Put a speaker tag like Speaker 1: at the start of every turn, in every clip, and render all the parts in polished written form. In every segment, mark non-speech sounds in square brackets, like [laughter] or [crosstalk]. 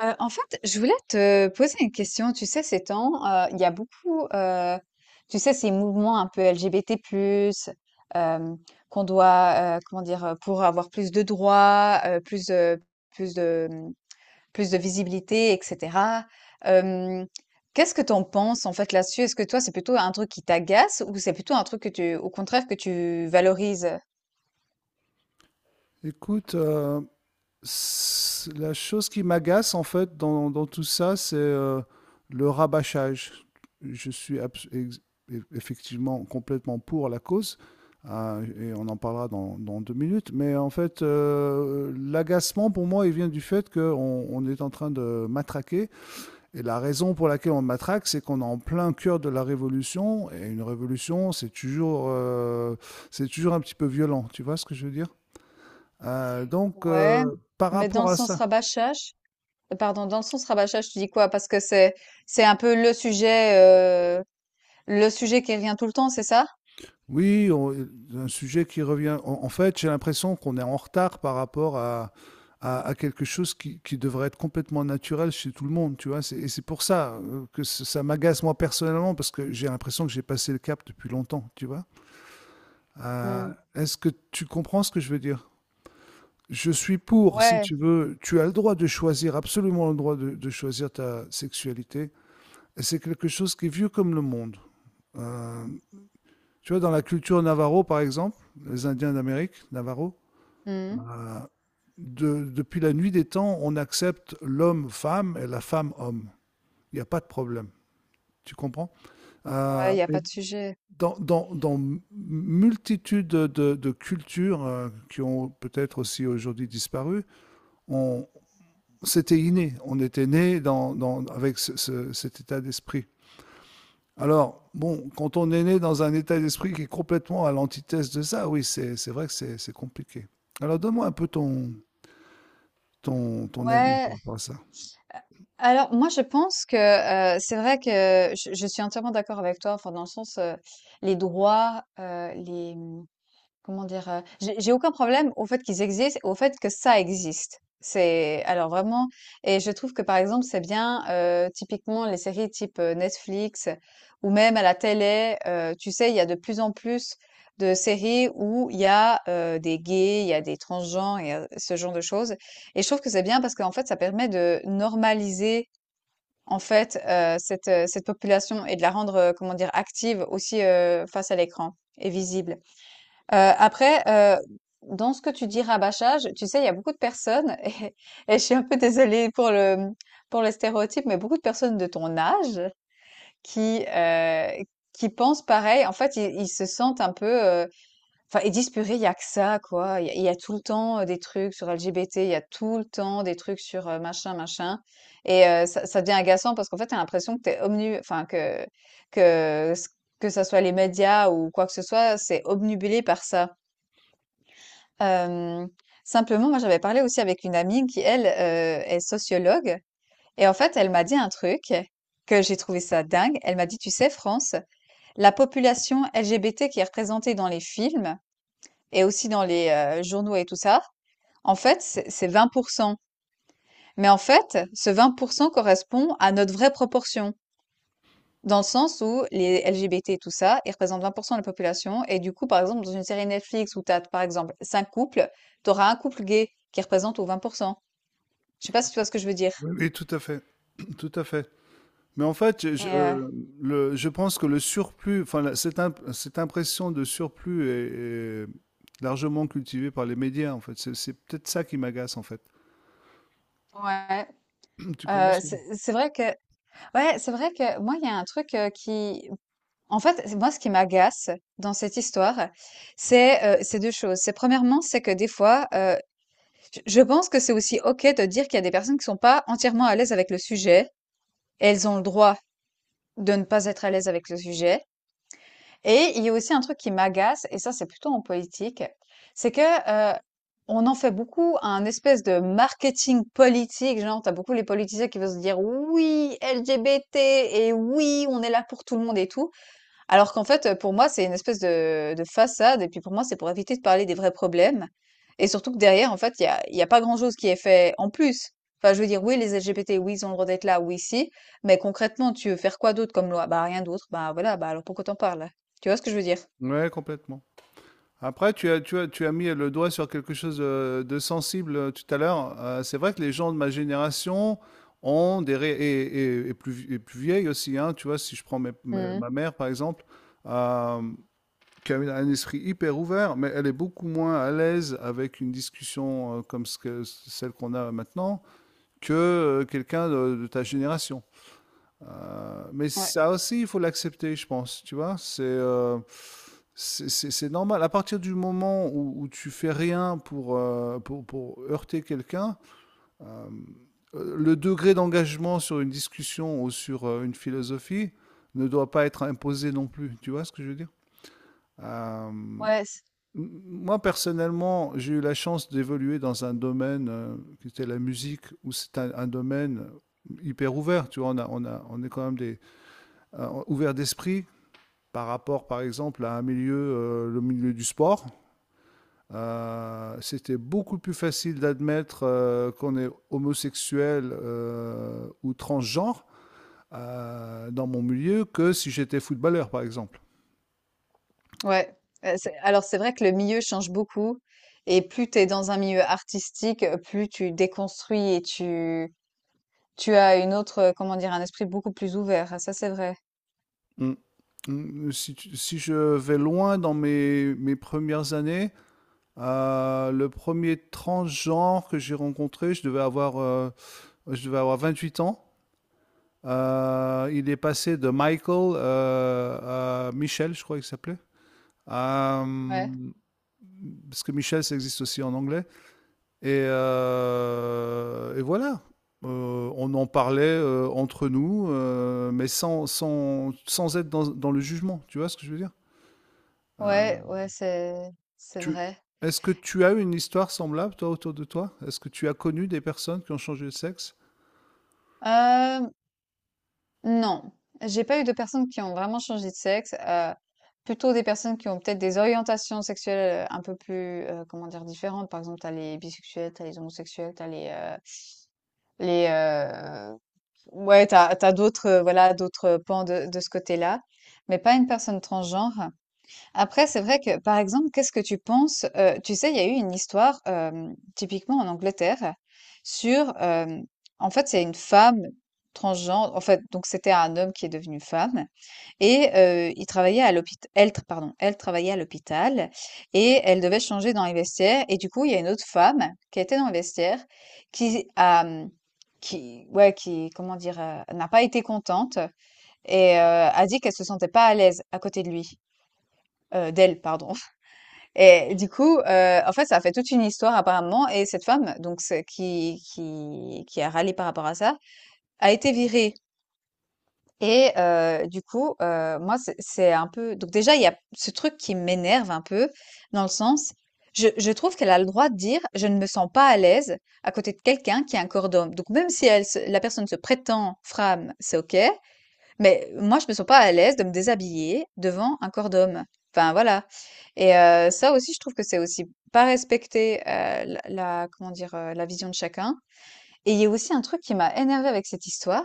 Speaker 1: En fait, je voulais te poser une question. Tu sais, ces temps, il y a beaucoup, tu sais, ces mouvements un peu LGBT+, hem, qu'on doit, comment dire? Pour avoir plus de droits, plus, plus de, mmh, plus de visibilité et cetera. Hem, Qu'est-ce que tu en penses, en fait, là-dessus? Est-ce que toi, c'est plutôt un truc qui t'agace ou c'est plutôt un truc que tu, au contraire, que tu valorises?
Speaker 2: Écoute, euh, la chose qui m'agace en fait dans tout ça, c'est le rabâchage. Je suis abs- ex- eff- Effectivement complètement pour la cause, et on en parlera dans deux minutes, mais en fait, l'agacement pour moi, il vient du fait qu'on on est en train de matraquer, et la raison pour laquelle on matraque, c'est qu'on est en plein cœur de la révolution, et une révolution, c'est c'est toujours un petit peu violent, tu vois ce que je veux dire?
Speaker 1: Ouais,
Speaker 2: Par
Speaker 1: mais dans
Speaker 2: rapport
Speaker 1: le
Speaker 2: à
Speaker 1: sens
Speaker 2: ça,
Speaker 1: rabâchage, pardon, dans le sens rabâchage, tu dis quoi? Parce que c'est un peu le sujet, le sujet qui revient tout le temps, c'est ça?
Speaker 2: oui, un sujet qui revient. En fait, j'ai l'impression qu'on est en retard par rapport à, à quelque chose qui devrait être complètement naturel chez tout le monde, tu vois. Et c'est pour ça que ça m'agace moi personnellement, parce que j'ai l'impression que j'ai passé le cap depuis longtemps, tu vois. Euh,
Speaker 1: Mmh.
Speaker 2: Est-ce que tu comprends ce que je veux dire? Je suis pour, si
Speaker 1: Ouais.
Speaker 2: tu veux, tu as le droit de choisir, absolument le droit de choisir ta sexualité. Et c'est quelque chose qui est vieux comme le monde. Euh, Tu vois, dans la culture navarro, par exemple, les Indiens d'Amérique, navarro,
Speaker 1: Mmh.
Speaker 2: euh, depuis la nuit des temps, on accepte l'homme-femme et la femme-homme. Il n'y a pas de problème. Tu comprends? Euh,
Speaker 1: Ouais, il y a pas
Speaker 2: et
Speaker 1: de sujet.
Speaker 2: multitude de, de cultures qui ont peut-être aussi aujourd'hui disparu, on, c'était inné. On était né avec cet état d'esprit. Alors, bon, quand on est né dans un état d'esprit qui est complètement à l'antithèse de ça, oui, c'est vrai que c'est compliqué. Alors donne-moi un peu ton ton avis par
Speaker 1: Ouais.
Speaker 2: rapport à ça.
Speaker 1: Alors moi je pense que, c'est vrai que je suis entièrement d'accord avec toi, enfin dans le sens, les droits, les, mmh comment dire? J'ai aucun problème au fait qu'ils existent, au fait que ça existe. C'est alors vraiment Et je trouve que, par exemple, c'est bien, typiquement les séries type, Netflix ou même à la télé, tu sais, il y a de plus en plus de séries où il y a, des gays, il y a des transgenres et ce genre de choses, et je trouve que c'est bien parce qu'en fait, ça permet de normaliser, en fait, cette population et de la rendre, comment dire? Active aussi, face à l'écran et visible. Après, dans ce que tu dis rabâchage, tu sais, il y a beaucoup de personnes [laughs] et je suis un peu désolée pour pour le stéréotype, mais beaucoup de personnes de ton âge qui, heu, qui pensent pareil. En fait, ils se sentent un peu, heu, enfin, ils disent: «Purée, il y a que ça, quoi. Il y a tout le temps, des trucs sur l' LGBT, il y a tout le temps des trucs sur, machin, machin». Et ça devient agaçant parce qu'en fait, t'as l'impression que t'es es omnu enfin, que que que ça soit les médias ou quoi que ce soit, c'est obnubilé par ça. Hem, Simplement, moi, j'avais parlé aussi avec une amie qui, elle, est sociologue, et en fait, elle m'a dit un truc que j'ai trouvé ça dingue. Elle m'a dit: «Tu sais, France, la population LGBT qui est représentée dans les films et aussi dans les, journaux et tout ça, en fait, c'est 20. Mais en fait, ce 20 correspond à notre vraie proportion, dans le sens où les LGBT et tout ça, ils représentent 20 de la population, et du coup, par exemple, dans une série Netflix où tu as, par exemple, cinq couples, tu auras un couple gay qui représente aux 20%». Je sais pas si tu vois ce que je veux dire.
Speaker 2: Oui, oui, tout à fait, tout à fait. Mais en fait,
Speaker 1: Et euh,
Speaker 2: je pense que le surplus, enfin, cette impression de surplus est largement cultivée par les médias, en fait. C'est peut-être ça qui m'agace, en fait.
Speaker 1: ouais.
Speaker 2: [clears throat] Tu commences?
Speaker 1: C'est vrai que, ouais, c'est vrai que moi il y a un truc, qui, en fait, moi ce qui m'agace dans cette histoire, c'est deux choses. C'est premièrement, c'est que des fois, je pense que c'est aussi OK de dire qu'il y a des personnes qui sont pas entièrement à l'aise avec le sujet et elles ont le droit de ne pas être à l'aise avec le sujet. Et il y a aussi un truc qui m'agace, et ça, c'est plutôt en politique, c'est que euh, on en fait beaucoup un espèce de marketing politique. Genre, t'as beaucoup les politiciens qui vont se dire oui, LGBT, et oui, on est là pour tout le monde et tout. Alors qu'en fait, pour moi, c'est une espèce de façade, et puis pour moi, c'est pour éviter de parler des vrais problèmes, et surtout que derrière, en fait, il y a pas grand chose qui est fait en plus. Enfin, je veux dire, oui, les LGBT, oui, ils ont le droit d'être là, oui, si, mais concrètement, tu veux faire quoi d'autre comme loi? Bah, rien d'autre. Bah, voilà, bah, alors pourquoi t'en parles? Tu vois ce que je veux dire?
Speaker 2: Ouais, complètement. Après, tu as mis le doigt sur quelque chose de sensible tout à l'heure. C'est vrai que les gens de ma génération ont des ré- et plus vieilles aussi, hein. Tu vois, si je prends
Speaker 1: Mmh.
Speaker 2: ma mère par exemple, euh, qui a un esprit hyper ouvert, mais elle est beaucoup moins à l'aise avec une discussion comme celle qu'on a maintenant que quelqu'un de ta génération. Mais
Speaker 1: Ouais.
Speaker 2: ça aussi, il faut l'accepter, je pense. Tu vois, c'est normal. À partir du moment où tu fais rien pour, pour heurter quelqu'un, euh, le degré d'engagement sur une discussion ou sur une philosophie ne doit pas être imposé non plus. Tu vois ce que je veux dire? Euh, m-
Speaker 1: Ouais, c
Speaker 2: Moi, personnellement, j'ai eu la chance d'évoluer dans un domaine qui était la musique, où c'est un domaine hyper ouvert. Tu vois, on est quand même des ouvert d'esprit par rapport, par exemple, à un milieu, le milieu du sport. C'était beaucoup plus facile d'admettre qu'on est homosexuel ou transgenre dans mon milieu que si j'étais footballeur, par exemple.
Speaker 1: ouais, c'est vrai que le milieu change beaucoup, et plus tu es dans un milieu artistique, plus tu déconstruis et tu as une autre, comment dire? Un esprit beaucoup plus ouvert, ça, c'est vrai.
Speaker 2: Mm. Mm. Si, si, je vais loin dans mes premières années, le premier transgenre que j'ai rencontré, je devais je devais avoir 28 ans. Il est passé de Michael à Michel, je crois qu'il s'appelait. Euh,
Speaker 1: Ouais,
Speaker 2: Parce que Michel, ça existe aussi en anglais. Et voilà. On en parlait entre nous, mais sans être dans le jugement. Tu vois ce que je veux dire? Euh,
Speaker 1: ouais, ouais, c'est
Speaker 2: tu,
Speaker 1: vrai.
Speaker 2: est-ce que tu as une histoire semblable, toi, autour de toi? Est-ce que tu as connu des personnes qui ont changé de sexe?
Speaker 1: Euh, non, j'ai pas eu de personnes qui ont vraiment changé de sexe. Plutôt des personnes qui ont peut-être des orientations sexuelles, un peu plus, comment dire, différentes. Par exemple, t'as les bisexuels, t'as les homosexuels, t'as les ouais, t'as d'autres, voilà, d'autres pans de ce côté-là, mais pas une personne transgenre. Après, c'est vrai que, par exemple, qu'est-ce que tu penses? Tu sais, il y a eu une histoire, typiquement en Angleterre sur, hem, en fait, c'est une femme transgenre, en fait, donc c'était un homme qui est devenu femme, et il travaillait à l'hôpital, elle tr pardon, elle travaillait à l'hôpital, et elle devait changer dans les vestiaires, et du coup, il y a une autre femme qui était dans les vestiaires qui a, mmh, qui ouais, qui, comment dire, n'a pas été contente et a dit qu'elle se sentait pas à l'aise à côté de lui, d'elle, pardon. Et du coup, en fait, ça a fait toute une histoire apparemment, et cette femme donc c'est qui a râlé par rapport à ça, a été virée. Et du coup, moi c'est un peu donc déjà il y a ce truc qui m'énerve un peu dans le sens, je trouve qu'elle a le droit de dire: «Je ne me sens pas à l'aise à côté de quelqu'un qui a un corps d'homme». Donc même si elle se la personne se prétend femme, c'est OK. Mais moi, je me sens pas à l'aise de me déshabiller devant un corps d'homme. Enfin, voilà. Et ça aussi, je trouve que c'est aussi pas respecter comment dire, la vision de chacun. Et il y a aussi un truc qui m'a énervée avec cette histoire,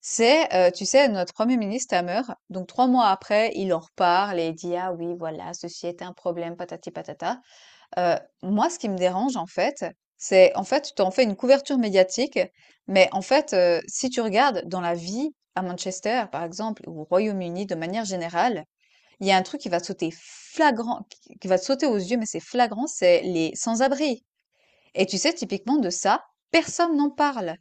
Speaker 1: c'est, tu sais, notre premier ministre Hammer, donc 3 mois après, il en reparle et il dit, ah oui, voilà, ceci est un problème, patati patata. Moi, ce qui me dérange, en fait, c'est en fait, tu t'en fais une couverture médiatique, mais en fait, si tu regardes dans la vie à Manchester, par exemple, ou au Royaume-Uni de manière générale, il y a un truc qui va te sauter aux yeux, mais c'est flagrant, c'est les sans-abri. Et tu sais, typiquement de ça, personne n'en parle.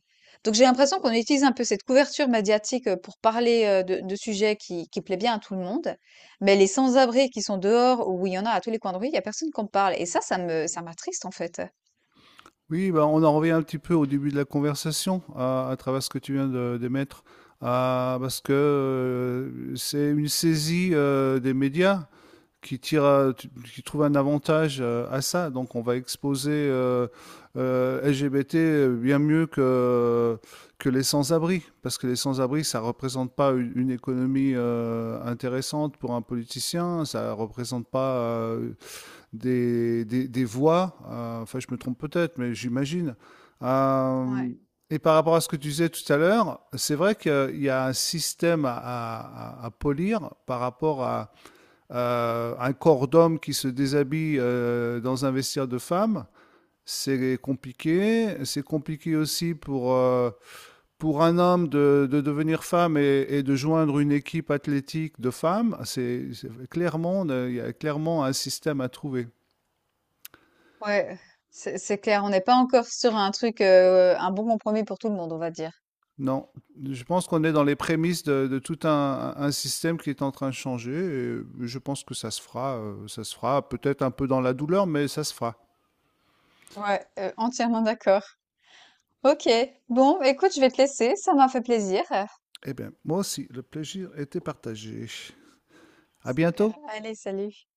Speaker 1: Donc j'ai l'impression qu'on utilise un peu cette couverture médiatique pour parler de sujets qui plaît bien à tout le monde, mais les sans-abri qui sont dehors, où il y en a à tous les coins de rue, il n'y a personne qui en parle. Et ça, ça m'attriste en fait.
Speaker 2: Oui, bah, on en revient un petit peu au début de la conversation, à travers ce que tu viens de d'émettre, parce que c'est une saisie des médias qui tire, qui trouve un avantage à ça. Donc, on va exposer LGBT bien mieux que les sans-abri, parce que les sans-abri, ça représente pas une économie intéressante pour un politicien, ça représente pas des voix, enfin je me trompe peut-être, mais j'imagine. Euh,
Speaker 1: Ouais,
Speaker 2: et par rapport à ce que tu disais tout à l'heure, c'est vrai qu'il y a un système à, polir par rapport à un corps d'homme qui se déshabille dans un vestiaire de femme. C'est compliqué. C'est compliqué aussi pour un homme de devenir femme et de joindre une équipe athlétique de femmes. Clairement, il y a clairement un système à trouver.
Speaker 1: ouais, c'est clair. On n'est pas encore sur un truc, un bon compromis pour tout le monde, on va dire.
Speaker 2: Non, je pense qu'on est dans les prémices de tout un système qui est en train de changer et je pense que ça se fera peut-être un peu dans la douleur, mais ça se fera.
Speaker 1: Ouais, entièrement d'accord. Ok. Bon, écoute, je vais te laisser. Ça m'a fait plaisir.
Speaker 2: Eh bien, moi aussi, le plaisir était partagé. À
Speaker 1: Super.
Speaker 2: bientôt.
Speaker 1: Allez, salut.